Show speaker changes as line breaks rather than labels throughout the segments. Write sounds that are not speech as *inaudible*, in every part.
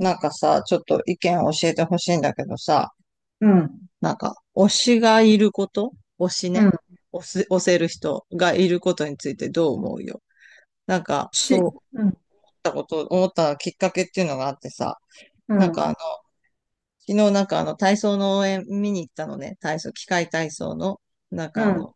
なんかさ、ちょっと意見を教えてほしいんだけどさ、
うん、
なんか、推しがいること、推し
う
ね。
ん、
推す、推せる人がいることについてどう思うよ？なんか、そう
し、うん、
思ったきっかけっていうのがあってさ、
う
なんかあ
ん、
の、昨日なんかあの、体操の応援見に行ったのね。機械体操の、なん
う
かあの、
ん、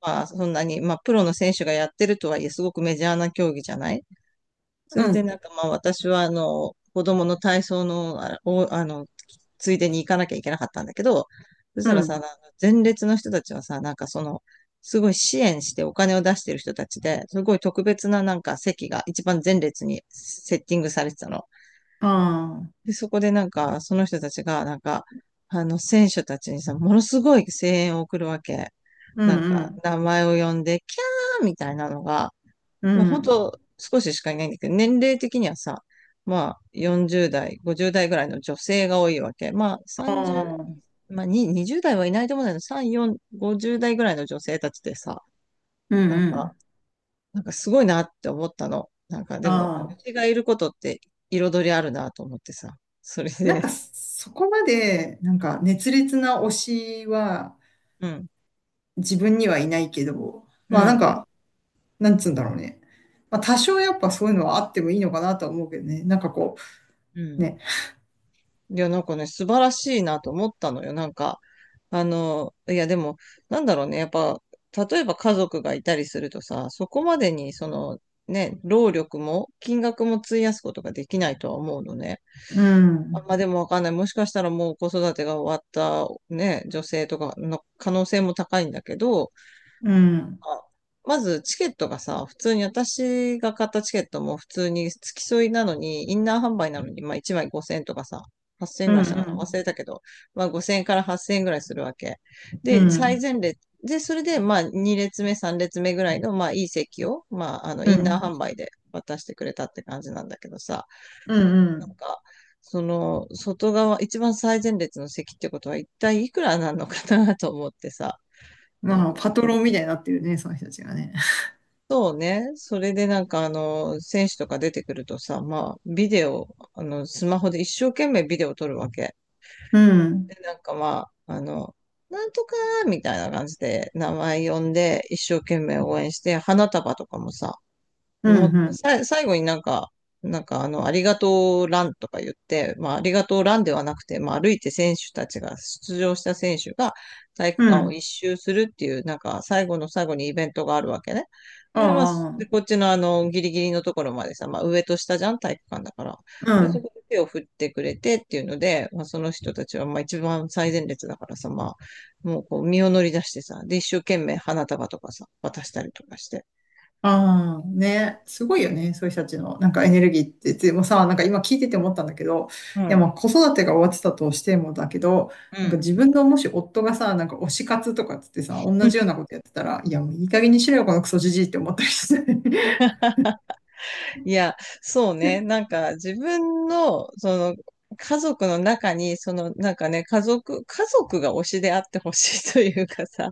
まあ、そんなに、まあ、プロの選手がやってるとはいえ、すごくメジャーな競技じゃない。そ
う
れで
ん、
なんかまあ私はあの子供の体操の、あを、あの、ついでに行かなきゃいけなかったんだけど、そし
う
たらさ、あ
ん、
の前列の人たちはさ、なんかその、すごい支援してお金を出してる人たちで、すごい特別ななんか席が一番前列にセッティングされてたの。
ああ、
で、そこでなんかその人たちがなんか、あの選手たちにさ、ものすごい声援を送るわけ。
う
なん
ん、う
か
ん、
名前を呼んで、キャーみたいなのが、
う
まあ本
ん、
当少ししかいないんだけど、年齢的にはさ、まあ40代、50代ぐらいの女性が多いわけ。まあ
あ
30、
あ、うん、
まあに20代はいないと思うんだけど、3、4、50代ぐらいの女性たちでさ、
う
なんか、
ん、
なんかすごいなって思ったの。なんかでも、
ああ、
推しがいることって彩りあるなと思ってさ、それ
なん
で、
かそこまで、なんか熱烈な推しは
うん、
自分にはいないけど、
う
まあなん
ん、
か、なんつうんだろうね。まあ多少やっぱそういうのはあってもいいのかなとは思うけどね。なんかこ
う
う、ね。
ん。いや、なんかね、素晴らしいなと思ったのよ。なんか、あの、いやでも、なんだろうね、やっぱ、例えば家族がいたりするとさ、そこまでに、その、ね、労力も、金額も費やすことができないとは思うのね。
う
あ
ん、
まあでもわかんない。もしかしたらもう子育てが終わった、ね、女性とかの可能性も高いんだけど、
うん、
あまずチケットがさ、普通に私が買ったチケットも普通に付き添いなのに、インナー販売なのに、まあ1枚5000円とかさ、8000円
う
ぐ
ん、
ら
う
いしたかな忘れ
ん、
たけど、まあ5000円から8000円ぐらいするわけ。
う
で、最
ん、
前列、で、それでまあ2列目、3列目ぐらいのまあいい席を、まああの
う
インナー
ん、
販売で渡してくれたって感じなんだけどさ、
うん、う
なん
ん。
か、その外側、一番最前列の席ってことは一体いくらなのかなと思ってさ、なん
まあ
か、
パトロンみたいになってるね、その人たちがね。
そうね。それでなんかあの、選手とか出てくるとさ、まあ、ビデオ、あの、スマホで一生懸命ビデオ撮るわけ。
うん、
で、なんかまあ、あの、なんとかみたいな感じで名前呼んで、一生懸命応援して、花束とかもさ、
う
も
ん、う
う
ん、
さ、最後になんか、なんかあの、ありがとうランとか言って、まあ、ありがとうランではなくて、まあ、歩いて選手たちが、出場した選手が体育
う
館を
ん。
一周するっていう、なんか最後の最後にイベントがあるわけね。
あ
で、まあ、で、こ
あ、
っちのあの、ギリギリのところまでさ、まあ、上と下じゃん、体育館だから。
う
で、そ
ん。
こで手を振ってくれてっていうので、まあ、その人たちは、まあ、一番最前列だからさ、まあ、もうこう、身を乗り出してさ、で、一生懸命花束とかさ、渡したりとかして。
ああ、ね。すごいよね、そういう人たちの、なんかエネルギーって。でもさ、なんか今聞いてて思ったんだけど、
う
いや、
ん。
まあ子育てが終わってたとしてもだけど、
う
なんか
ん。
自分のもし夫がさ、なんか推し活とかっつってさ、同じようなことやってたら、いや、もういい加減にしろよ、このクソじじいって思ったりして。
いや、そうね。なんか自分の、その、家族の中に、その、なんかね、家族が推しであってほしいというかさ、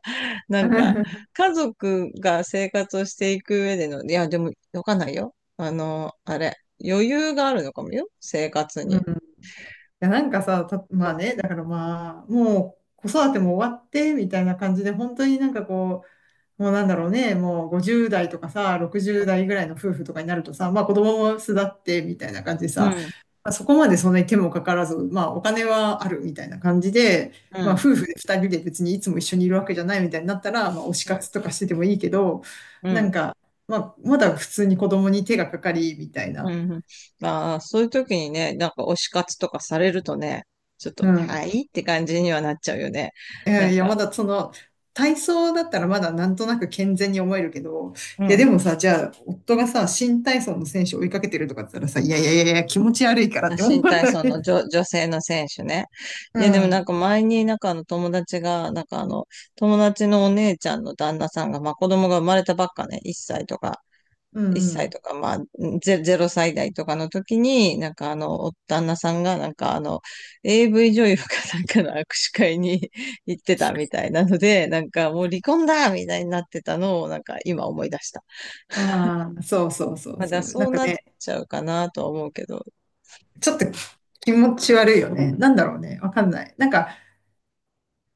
なんか、家族が生活をしていく上での、いや、でも、わかんないよ。あの、あれ、余裕があるのかもよ、生活
うん。
に。
いや、なんかさ、
う
まあ
ん、
ね、だからまあ、もう子育ても終わって、みたいな感じで、本当になんかこう、もうなんだろうね、もう50代とかさ、60代ぐらいの夫婦とかになるとさ、まあ子供も巣立ってみたいな感じで
う
さ、
ん、
まあ、そこまでそんなに手もかからず、まあお金はあるみたいな感じで、
う
まあ
ん、
夫婦で2人で別にいつも一緒にいるわけじゃないみたいになったら、まあ推し
うん、
活とかしててもいいけど、
う
な
ん。
んか、まあまだ普通に子供に手がかかりみたい
う
な。
ん、まあ、そういう時にね、なんか推し活とかされるとね、ちょっ
う
と、は
ん。
いって感じにはなっちゃうよね。
い
な
や
ん
いや、
か、
まだその、体操だったらまだなんとなく健全に思えるけど、
う
いやで
ん。
もさ、じゃあ、夫がさ、新体操の選手を追いかけてるとかって言ったらさ、いやいやいやいや、気持ち悪いからっ
まあ
て思う。
新体操の女性の選手ね。いや、でもなんか
*laughs*
前になんかあの友達が、なんかあの、友達のお姉ちゃんの旦那さんが、まあ子供が生まれたばっかね、1歳とか、
う
1
んう
歳と
ん
か、まあ0歳代とかの時に、なんかあの、お旦那さんがなんかあの、AV 女優かなんかの握手会に *laughs* 行ってたみたいなので、なんかもう離婚だみたいになってたのを、なんか今思い出した。
うん。ああ、そうそうそう
まあだか
そ
ら
う。な
そ
ん
う
か
なっ
ね、
ちゃうかなとは思うけど。
ちょっと気持ち悪いよね。なんだろうね、わかんない。なんか、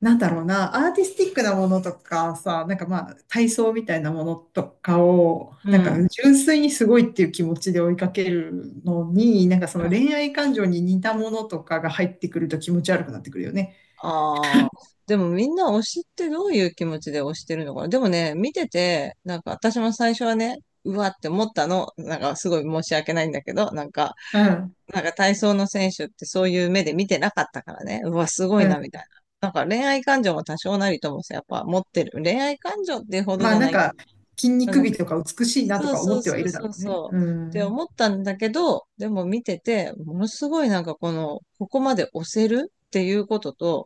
なんだろうな、アーティスティックなものとかさ、なんかまあ、体操みたいなものとかを、
う
なんか
ん。
純粋にすごいっていう気持ちで追いかけるのに、なんかその恋愛感情に似たものとかが入ってくると気持ち悪くなってくるよね。
ああ、でもみんな推しってどういう気持ちで推してるのかな。でもね、見てて、なんか私も最初はね、うわって思ったの、なんかすごい申し訳ないんだけど、なんか、
うん。
なんか体操の選手ってそういう目で見てなかったからね、うわ、すごい
うん。
な、みたいな。なんか恋愛感情も多少なりともさ、やっぱ持ってる。恋愛感情ってほど
ま
じ
あ
ゃ
な
な
ん
いけ
か、筋
ど、
肉美とか美しいなと
そう
か
そ
思っ
う
ては
そ
い
う
るだ
そ
ろ
う
うね。
そ
う
うって
ん。
思ったんだけど、でも見てて、ものすごいなんかこの、ここまで押せるっていうことと、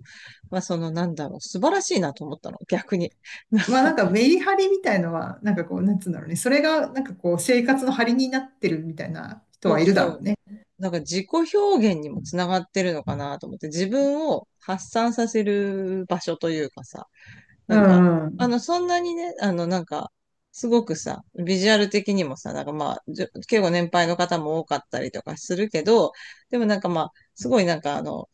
まあそのなんだろう、素晴らしいなと思ったの、逆に。なん
まあな
か、
んかメリハリみたいのは、なんかこう、なんつうんだろうね。それがなんかこう、生活の張りになってるみたいな人
そ
は
う
いるだろう
そう。
ね。
なんか自己表現にもつながってるのかなと思って、自分を発散させる場所というかさ、
う
なんか、
ん。う
あ
ん。
の、そんなにね、あの、なんか、すごくさ、ビジュアル的にもさ、なんかまあ、結構年配の方も多かったりとかするけど、でもなんかまあ、すごいなんかあの、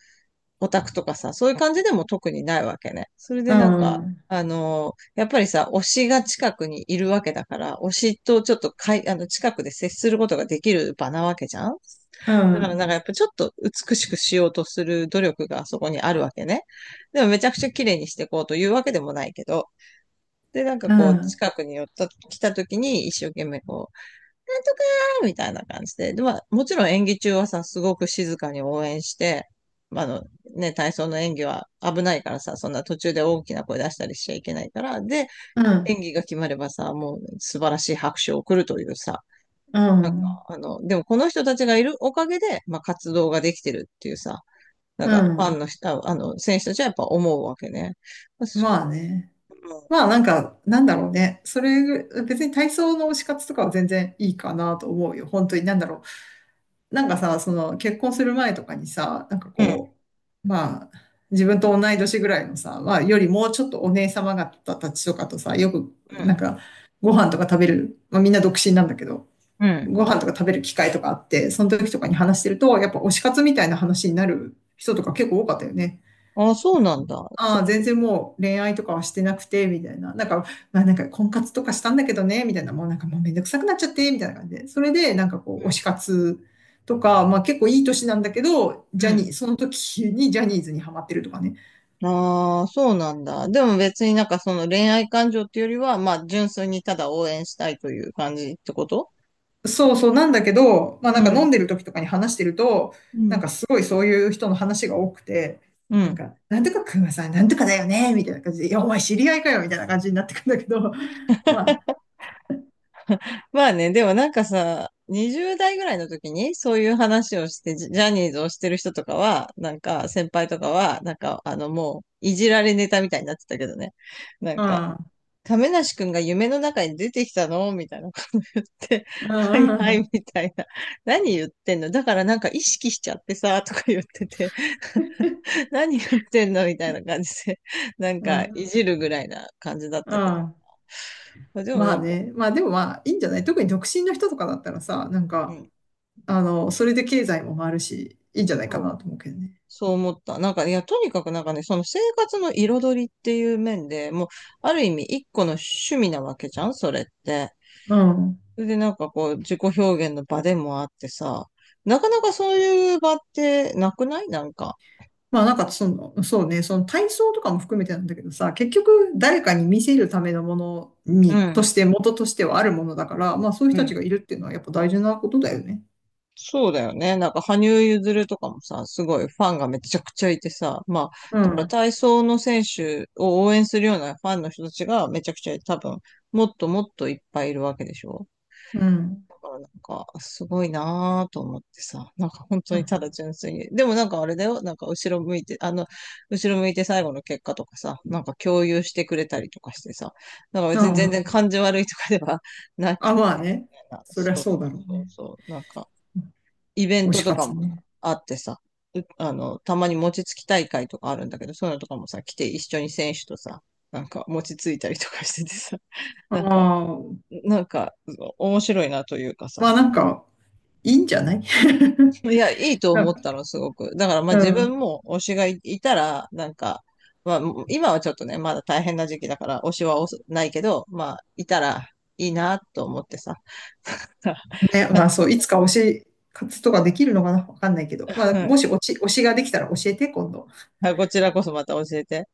オタクとかさ、そういう感じでも特にないわけね。それ
う
でなんか、
ん。
あのーやっぱりさ、推しが近くにいるわけだから、推しとちょっとかい、あの、近くで接することができる場なわけじゃん。
う
だから
ん。
なんかやっぱちょっと美しくしようとする努力がそこにあるわけね。でもめちゃくちゃ綺麗にしていこうというわけでもないけど、で、なんか
う
こう、
ん。
近くに寄った、来た時に一生懸命こなんとかーみたいな感じで、で、まあ、もちろん演技中はさ、すごく静かに応援して、まあ、あの、ね、体操の演技は危ないからさ、そんな途中で大きな声出したりしちゃいけないから、で、
うん、
演技が決まればさ、もう素晴らしい拍手を送るというさ、
う
なんか、
ん、
あの、でもこの人たちがいるおかげで、まあ、活動ができてるっていうさ、なん
う
か、ファン
ん。
の人、ああの、選手たちはやっぱ思うわけね。まあそ
まあね。まあなんか、なんだろうね。それぐ、別に体操の推し活とかは全然いいかなと思うよ。本当に、なんだろう。なんかさ、その結婚する前とかにさ、なんか
う、ん、う
こう、まあ、自分と同い年ぐらいのさ、まあ、よりもうちょっとお姉様方たちとかとさ、よく、な
ん、
んか、ご飯とか食べる、まあみんな独身なんだけど、
うん。
ご飯とか食べる機会とかあって、その時とかに話してると、やっぱ推し活みたいな話になる人とか結構多かったよね。
ああ、そうなんだ。そ
ああ、全然もう恋愛とかはしてなくて、みたいな。なんか、まあなんか婚活とかしたんだけどね、みたいな。もうなんかもうめんどくさくなっちゃって、みたいな感じで。それで、なんかこ
う、う
う、推し
ん、
活とか、まあ結構いい年なんだけど、
う
ジャニ
ん。
ー、その時にジャニーズにハマってるとかね。
ああ、そうなんだ。でも別になんかその恋愛感情っていうよりは、まあ純粋にただ応援したいという感じってこと？
そうそうなんだけど、まあな
う
んか
ん。
飲んでる時とかに話してると、
う
なん
ん。
かすごいそういう人の話が多くて、
う
なん
ん。
か、なんとかくんはさ、なんとかだよね、みたいな感じで、いや、お前知り合いかよ、みたいな感じになってくんだけど、*laughs* ま
まあね、でもなんかさ、20代ぐらいの時にそういう話をして、ジャニーズをしてる人とかは、なんか先輩とかは、なんかあのもういじられネタみたいになってたけどね。なんか、
あ、
亀梨くんが夢の中に出てきたのみたいなこと言って、
うん、
*laughs* はい
うん、
は
う
い
ん、
みたいな。何言ってんのだからなんか意識しちゃってさ、とか言ってて。何言ってんの *laughs* みたいな感じで、なん
う
か、い
ん、
じるぐらいな感じだっ
う
たけど。
ん。
でも
ま
な
あ
んか、
ね。まあでもまあいいんじゃない、特に独身の人とかだったらさ、なん
う
か、
ん、
あの、それで経済も回るし、いいんじゃないかな
そ
と
う、
思うけどね。
そう思った。なんか、いや、とにかくなんかね、その生活の彩りっていう面でもう、ある意味一個の趣味なわけじゃんそれって。
うん。
それでなんかこう、自己表現の場でもあってさ、なかなかそういう場ってなくないなんか。
まあなんかその、そうね、その体操とかも含めてなんだけどさ、結局誰かに見せるためのもの
う
に、
ん。
として、元としてはあるものだから、まあそういう
う
人たちが
ん。
いるっていうのはやっぱ大事なことだよね。
そうだよね。なんか、羽生結弦とかもさ、すごいファンがめちゃくちゃいてさ、まあ、
う
だから
ん。
体操の選手を応援するようなファンの人たちがめちゃくちゃ多分、もっともっといっぱいいるわけでしょ。
うん。
だからなんか、すごいなぁと思ってさ、なんか本当
う
に
ん。
ただ純粋に。でもなんかあれだよ、なんか後ろ向いて最後の結果とかさ、なんか共有してくれたりとかしてさ、なんか
う
別に全然
ん。
感じ悪いとかではなく
あ、
て、
まあね。そりゃ
そう
そう
そ
だ
う
ろう
そう
ね。
そう、なんか、イベン
推
ト
し
とか
活
も
ね。
あってさ、うあの、たまに餅つき大会とかあるんだけど、そういうのとかもさ、来て一緒に選手とさ、なんか餅ついたりとかしててさ、*laughs*
あ
なんか、
あ、
なんか、面白いなというかさ。
まあなんか、いいんじゃない。
いや、いい
*laughs*
と
な
思
ん
っ
か、
たの、すごく。だから、まあ
う
自
ん。
分も推しがいいたら、なんか、まあ今はちょっとね、まだ大変な時期だから、推しは推すないけど、まあ、いたらいいなと思ってさ。*laughs*
ね、まあそう、いつか推し活とかできるのかなわかんないけど。まあ、もし推し、推しができたら教えて、今度。
こちらこそまた教えて。